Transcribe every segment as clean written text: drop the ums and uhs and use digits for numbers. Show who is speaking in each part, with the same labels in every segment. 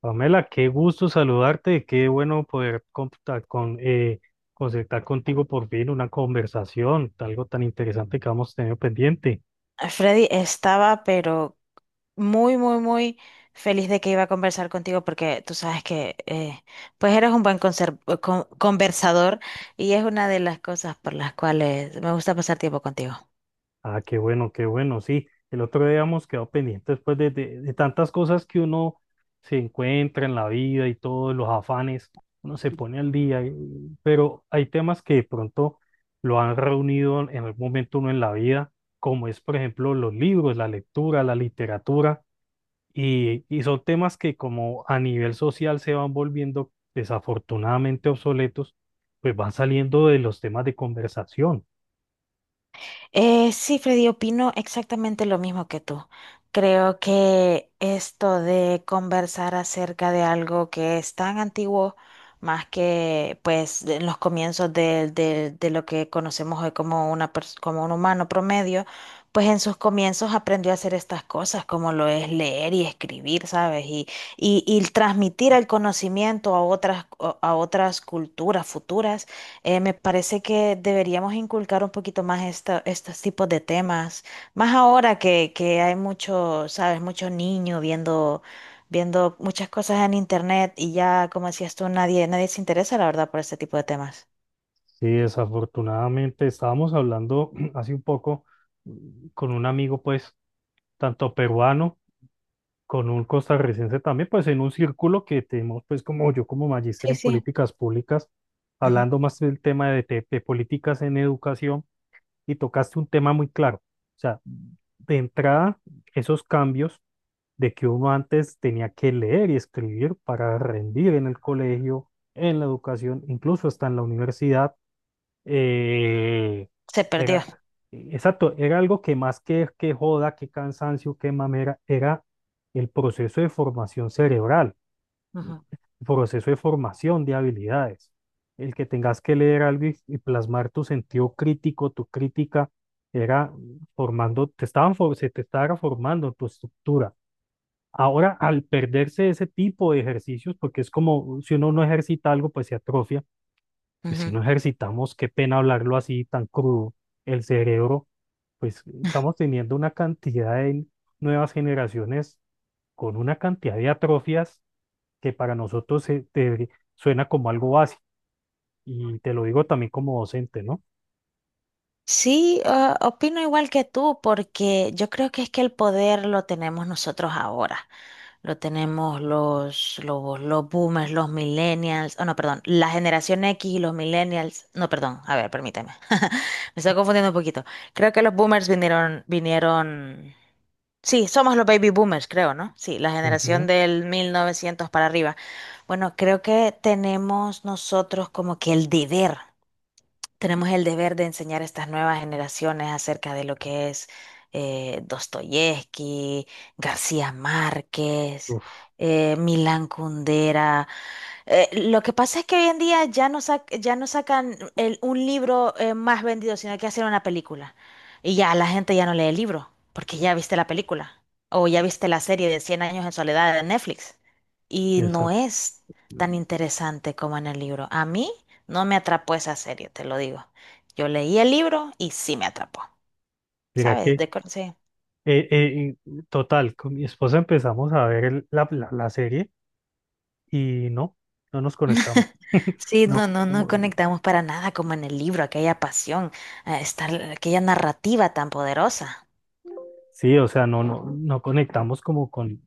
Speaker 1: Pamela, qué gusto saludarte, qué bueno poder concertar contigo por fin una conversación, algo tan interesante que hemos tenido pendiente.
Speaker 2: Freddy estaba, pero muy, muy, muy feliz de que iba a conversar contigo porque tú sabes que, pues eres un buen conversador y es una de las cosas por las cuales me gusta pasar tiempo contigo.
Speaker 1: Ah, qué bueno, sí. El otro día hemos quedado pendientes después de tantas cosas que uno se encuentra en la vida y todos los afanes, uno se pone al día, pero hay temas que de pronto lo han reunido en algún momento uno en la vida, como es, por ejemplo, los libros, la lectura, la literatura. Y son temas que como a nivel social se van volviendo desafortunadamente obsoletos, pues van saliendo de los temas de conversación.
Speaker 2: Sí, Freddy, opino exactamente lo mismo que tú. Creo que esto de conversar acerca de algo que es tan antiguo, más que pues en los comienzos de lo que conocemos hoy como como un humano promedio, pues en sus comienzos aprendió a hacer estas cosas, como lo es leer y escribir, ¿sabes? Y transmitir el conocimiento a otras culturas futuras. Me parece que deberíamos inculcar un poquito más estos tipos de temas, más ahora que hay mucho, sabes, muchos niños viendo muchas cosas en internet y ya, como decías tú, nadie, nadie se interesa, la verdad, por este tipo de temas.
Speaker 1: Sí, desafortunadamente estábamos hablando hace un poco con un amigo, pues, tanto peruano, con un costarricense también, pues en un círculo que tenemos, pues, como yo como magíster
Speaker 2: Sí,
Speaker 1: en
Speaker 2: sí.
Speaker 1: políticas públicas,
Speaker 2: Ujú.
Speaker 1: hablando más del tema de políticas en educación y tocaste un tema muy claro. O sea, de entrada, esos cambios de que uno antes tenía que leer y escribir para rendir en el colegio, en la educación, incluso hasta en la universidad, eh,
Speaker 2: Se perdió.
Speaker 1: era, exacto, era algo que más que joda, que cansancio, que mamera, era el proceso de formación cerebral,
Speaker 2: Ujú,
Speaker 1: proceso de formación de habilidades. El que tengas que leer algo y plasmar tu sentido crítico, tu crítica, era formando, se te estaba formando tu estructura. Ahora, al perderse ese tipo de ejercicios, porque es como si uno no ejercita algo, pues se atrofia. Pues si
Speaker 2: ujú.
Speaker 1: no ejercitamos, qué pena hablarlo así tan crudo. El cerebro, pues estamos teniendo una cantidad de nuevas generaciones con una cantidad de atrofias que para nosotros suena como algo básico. Y te lo digo también como docente, ¿no?
Speaker 2: Sí, ah, opino igual que tú, porque yo creo que es que el poder lo tenemos nosotros ahora. Lo tenemos los boomers, los millennials, oh no, perdón, la generación X y los millennials. No, perdón, a ver, permíteme. Me estoy confundiendo un poquito. Creo que los boomers vinieron, vinieron. Sí, somos los baby boomers, creo, ¿no? Sí, la generación
Speaker 1: Ujú.
Speaker 2: del 1900 para arriba. Bueno, creo que tenemos nosotros como que el deber. Tenemos el deber de enseñar a estas nuevas generaciones acerca de lo que es Dostoyevsky, García Márquez,
Speaker 1: Uf,
Speaker 2: Milán Kundera, lo que pasa es que hoy en día ya no sacan un libro más vendido, sino que hacen una película. Y ya la gente ya no lee el libro, porque ya viste la película. O ya viste la serie de Cien años en soledad de Netflix. Y
Speaker 1: eso.
Speaker 2: no es tan interesante como en el libro. A mí no me atrapó esa serie, te lo digo. Yo leí el libro y sí me atrapó.
Speaker 1: Mira
Speaker 2: ¿Sabes?
Speaker 1: que,
Speaker 2: Sí.
Speaker 1: total, con mi esposa empezamos a ver la serie y no, no nos conectamos.
Speaker 2: Sí, no,
Speaker 1: No,
Speaker 2: no
Speaker 1: como-
Speaker 2: conectamos para nada como en el libro, aquella pasión, aquella narrativa tan poderosa.
Speaker 1: sí, o sea, no, no conectamos como con,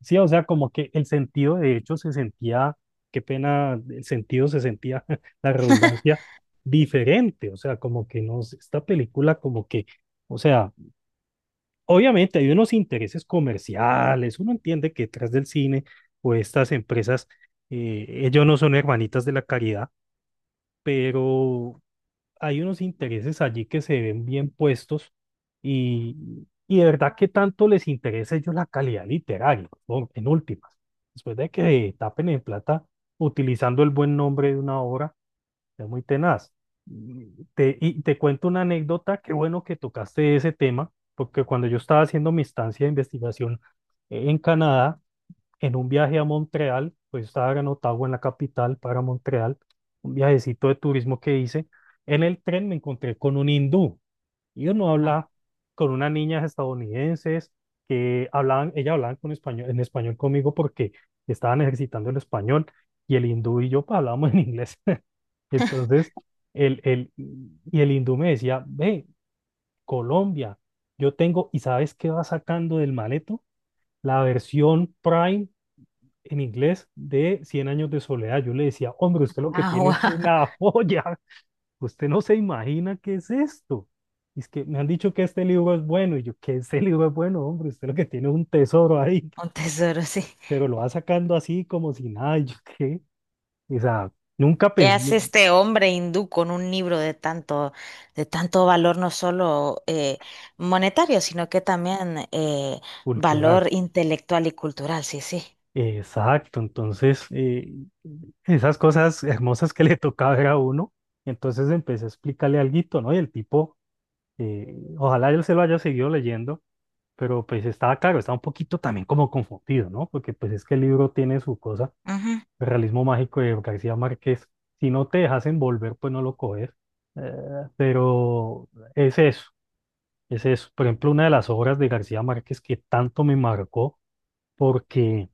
Speaker 1: sí, o sea, como que el sentido de hecho se sentía, qué pena, el sentido se sentía, la redundancia, diferente, o sea, como que no, esta película como que, o sea, obviamente hay unos intereses comerciales, uno entiende que detrás del cine o estas empresas, ellos no son hermanitas de la caridad, pero hay unos intereses allí que se ven bien puestos y de verdad que tanto les interesa a ellos la calidad literaria, ¿no? En últimas, después de que tapen en plata utilizando el buen nombre de una obra es muy tenaz. Y te cuento una anécdota, qué bueno que tocaste ese tema, porque cuando yo estaba haciendo mi estancia de investigación en Canadá, en un viaje a Montreal, pues yo estaba en Ottawa, en la capital, para Montreal, un viajecito de turismo que hice, en el tren me encontré con un hindú y uno habla con unas niñas estadounidenses que hablaban, ellas hablaban con español, en español conmigo porque estaban ejercitando el español y el hindú y yo pues, hablábamos en inglés. Entonces, el, el, y el hindú me decía, ve, Colombia, yo tengo, ¿y sabes qué va sacando del maleto? La versión Prime en inglés de Cien años de soledad. Yo le decía, hombre, usted lo que tiene
Speaker 2: Agua,
Speaker 1: es una joya, usted no se imagina qué es esto. Y es que me han dicho que este libro es bueno, y yo, que este libro es bueno, hombre, usted lo que tiene es un tesoro ahí,
Speaker 2: un tesoro, sí.
Speaker 1: pero lo va sacando así como si nada, y yo qué, o sea, nunca
Speaker 2: ¿Qué
Speaker 1: pensé
Speaker 2: hace este hombre hindú con un libro de tanto valor, no solo monetario, sino que también
Speaker 1: cultural.
Speaker 2: valor intelectual y cultural? Sí, sí.
Speaker 1: Exacto, entonces esas cosas hermosas que le tocaba ver a uno, entonces empecé a explicarle alguito, ¿no? Y el tipo, ojalá él se lo haya seguido leyendo, pero pues estaba claro, estaba un poquito también como confundido, ¿no? Porque pues es que el libro tiene su cosa,
Speaker 2: Ujú.
Speaker 1: el realismo mágico de García Márquez, si no te dejas envolver, pues no lo coges, eh, pero es eso, es eso. Por ejemplo, una de las obras de García Márquez que tanto me marcó, porque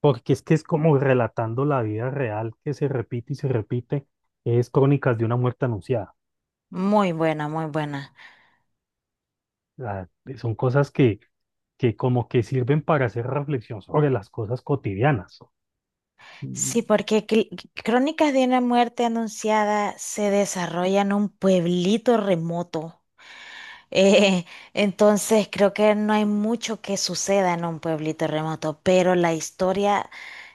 Speaker 1: porque es que es como relatando la vida real que se repite y se repite, es Crónicas de una muerte anunciada.
Speaker 2: Muy buena, muy buena.
Speaker 1: Ah, son cosas que como que sirven para hacer reflexión sobre las cosas cotidianas.
Speaker 2: Sí,
Speaker 1: Mm.
Speaker 2: porque Crónicas de una muerte anunciada se desarrolla en un pueblito remoto. Eh, entonces creo que no hay mucho que suceda en un pueblito remoto, pero la historia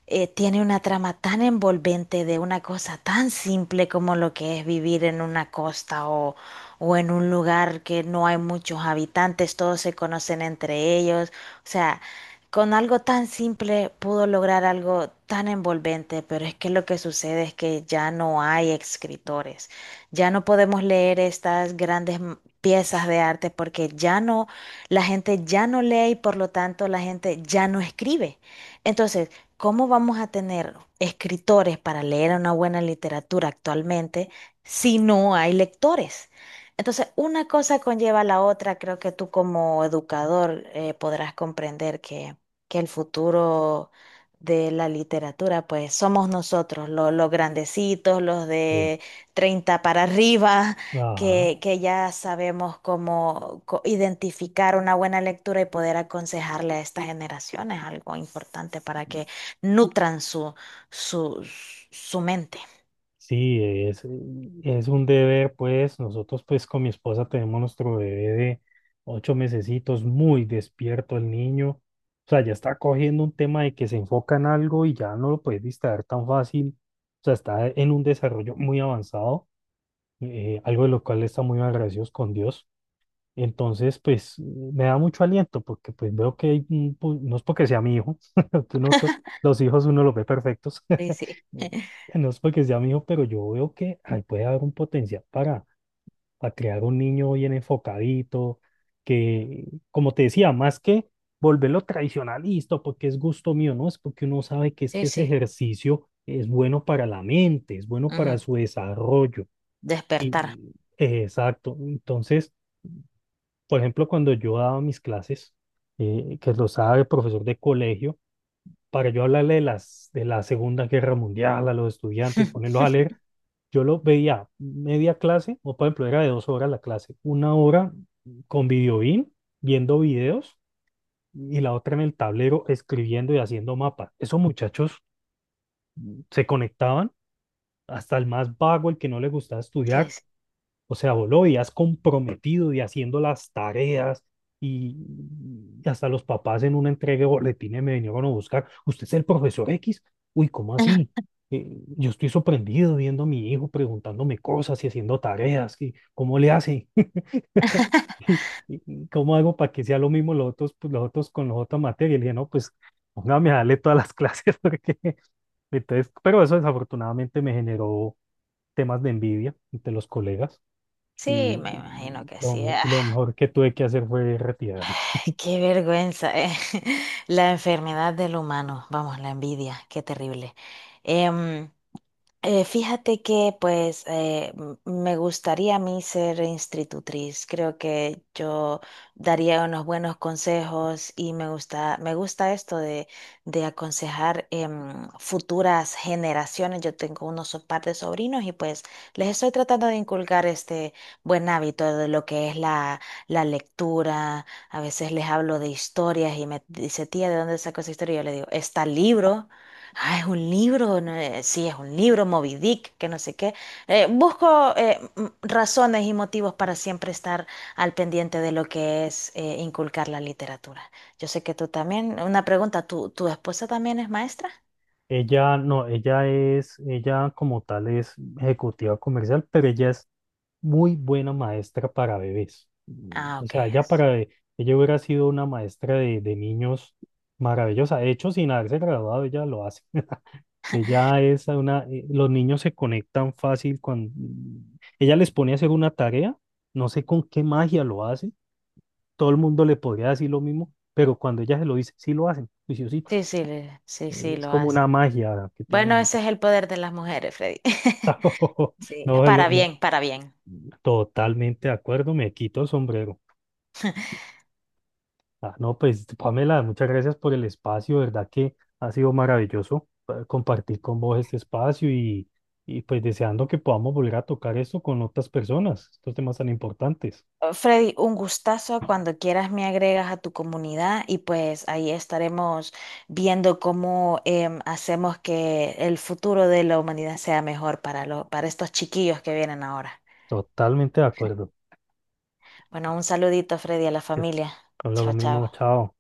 Speaker 2: tiene una trama tan envolvente de una cosa tan simple como lo que es vivir en una costa o en un lugar que no hay muchos habitantes, todos se conocen entre ellos. O sea, con algo tan simple pudo lograr algo tan envolvente, pero es que lo que sucede es que ya no hay escritores. Ya no podemos leer estas grandes piezas de arte porque la gente ya no lee y por lo tanto la gente ya no escribe. Entonces, ¿cómo vamos a tener escritores para leer una buena literatura actualmente si no hay lectores? Entonces, una cosa conlleva a la otra. Creo que tú como educador podrás comprender que el futuro de la literatura, pues somos nosotros, los grandecitos, los
Speaker 1: Sí.
Speaker 2: de 30 para arriba,
Speaker 1: Ajá.
Speaker 2: que ya sabemos cómo identificar una buena lectura y poder aconsejarle a estas generaciones algo importante para que nutran su, su mente.
Speaker 1: Sí, es, es un deber, pues nosotros pues con mi esposa tenemos nuestro bebé de ocho mesecitos, muy despierto el niño, o sea, ya está cogiendo un tema de que se enfoca en algo y ya no lo puedes distraer tan fácil, o sea, está en un desarrollo muy avanzado, algo de lo cual está muy agradecidos con Dios, entonces pues me da mucho aliento porque pues veo que hay un no es porque sea mi hijo, que los hijos uno los ve perfectos,
Speaker 2: Sí, sí.
Speaker 1: no es porque sea mi hijo, pero yo veo que ahí puede haber un potencial para crear un niño bien enfocadito, que, como te decía, más que volverlo tradicionalista, porque es gusto mío, no, es porque uno sabe que es
Speaker 2: Sí,
Speaker 1: que ese
Speaker 2: sí.
Speaker 1: ejercicio es bueno para la mente, es bueno para
Speaker 2: Ujú,
Speaker 1: su desarrollo. Y,
Speaker 2: despertar.
Speaker 1: mm, exacto. Entonces, por ejemplo, cuando yo daba mis clases, que lo sabe el profesor de colegio, para yo hablarle de de la Segunda Guerra Mundial a los estudiantes, ponerlos a leer. Yo lo veía media clase, o por ejemplo, era de dos horas la clase, una hora con viendo videos, y la otra en el tablero escribiendo y haciendo mapas. Esos muchachos se conectaban, hasta el más vago, el que no le gustaba
Speaker 2: Sí,
Speaker 1: estudiar,
Speaker 2: sí.
Speaker 1: o sea, vos lo veías comprometido y haciendo las tareas y y hasta los papás en una entrega de boletines me vinieron a buscar. ¿Usted es el profesor X? Uy, ¿cómo así? Yo estoy sorprendido viendo a mi hijo preguntándome cosas y haciendo tareas. ¿Y cómo le hace? ¿Y- cómo hago para que sea lo mismo los otros, pues, los otros con los otras materias? Y le dije, no, pues póngame a darle todas las clases porque entonces, pero eso desafortunadamente me generó temas de envidia entre los colegas
Speaker 2: Sí,
Speaker 1: y
Speaker 2: me imagino que sí. Ay,
Speaker 1: lo mejor que tuve que hacer fue retirarme.
Speaker 2: qué vergüenza, eh. La enfermedad del humano. Vamos, la envidia, qué terrible. Em, Fíjate que pues me gustaría a mí ser institutriz. Creo que yo daría unos buenos consejos y me gusta esto de aconsejar futuras generaciones. Yo tengo unos par de sobrinos y pues les estoy tratando de inculcar este buen hábito de lo que es la lectura. A veces les hablo de historias y me dice, tía, ¿de dónde sacó esa historia? Y yo le digo, está el libro. Ah, es un libro, no, sí, es un libro, Moby Dick, que no sé qué. Busco razones y motivos para siempre estar al pendiente de lo que es inculcar la literatura. Yo sé que tú también, una pregunta, ¿tu esposa también es maestra?
Speaker 1: Ella no, ella como tal es ejecutiva comercial, pero ella es muy buena maestra para bebés.
Speaker 2: Ah,
Speaker 1: O
Speaker 2: ok.
Speaker 1: sea, ella hubiera sido una maestra de niños maravillosa. De hecho, sin haberse graduado, ella lo hace. Ella es una, los niños se conectan fácil con, ella les pone a hacer una tarea, no sé con qué magia lo hace, todo el mundo le podría decir lo mismo, pero cuando ella se lo dice, sí lo hacen,
Speaker 2: Sí,
Speaker 1: juiciositos.
Speaker 2: sí, le- sí, sí,
Speaker 1: Es
Speaker 2: lo
Speaker 1: como
Speaker 2: hace.
Speaker 1: una magia que
Speaker 2: Bueno,
Speaker 1: tienen.
Speaker 2: ese es el poder de las mujeres, Freddy. Sí, para
Speaker 1: No,
Speaker 2: bien, para bien.
Speaker 1: totalmente de acuerdo, me quito el sombrero. Ah, no, pues Pamela, muchas gracias por el espacio, verdad que ha sido maravilloso compartir con vos este espacio y pues deseando que podamos volver a tocar esto con otras personas, estos temas tan importantes.
Speaker 2: Freddy, un gustazo. Cuando quieras me agregas a tu comunidad y pues ahí estaremos viendo cómo hacemos que el futuro de la humanidad sea mejor para, para estos chiquillos que vienen ahora.
Speaker 1: Totalmente de acuerdo.
Speaker 2: Bueno, un saludito, Freddy, a la
Speaker 1: Es-
Speaker 2: familia.
Speaker 1: No lo
Speaker 2: Chao, chao.
Speaker 1: mismo, chao.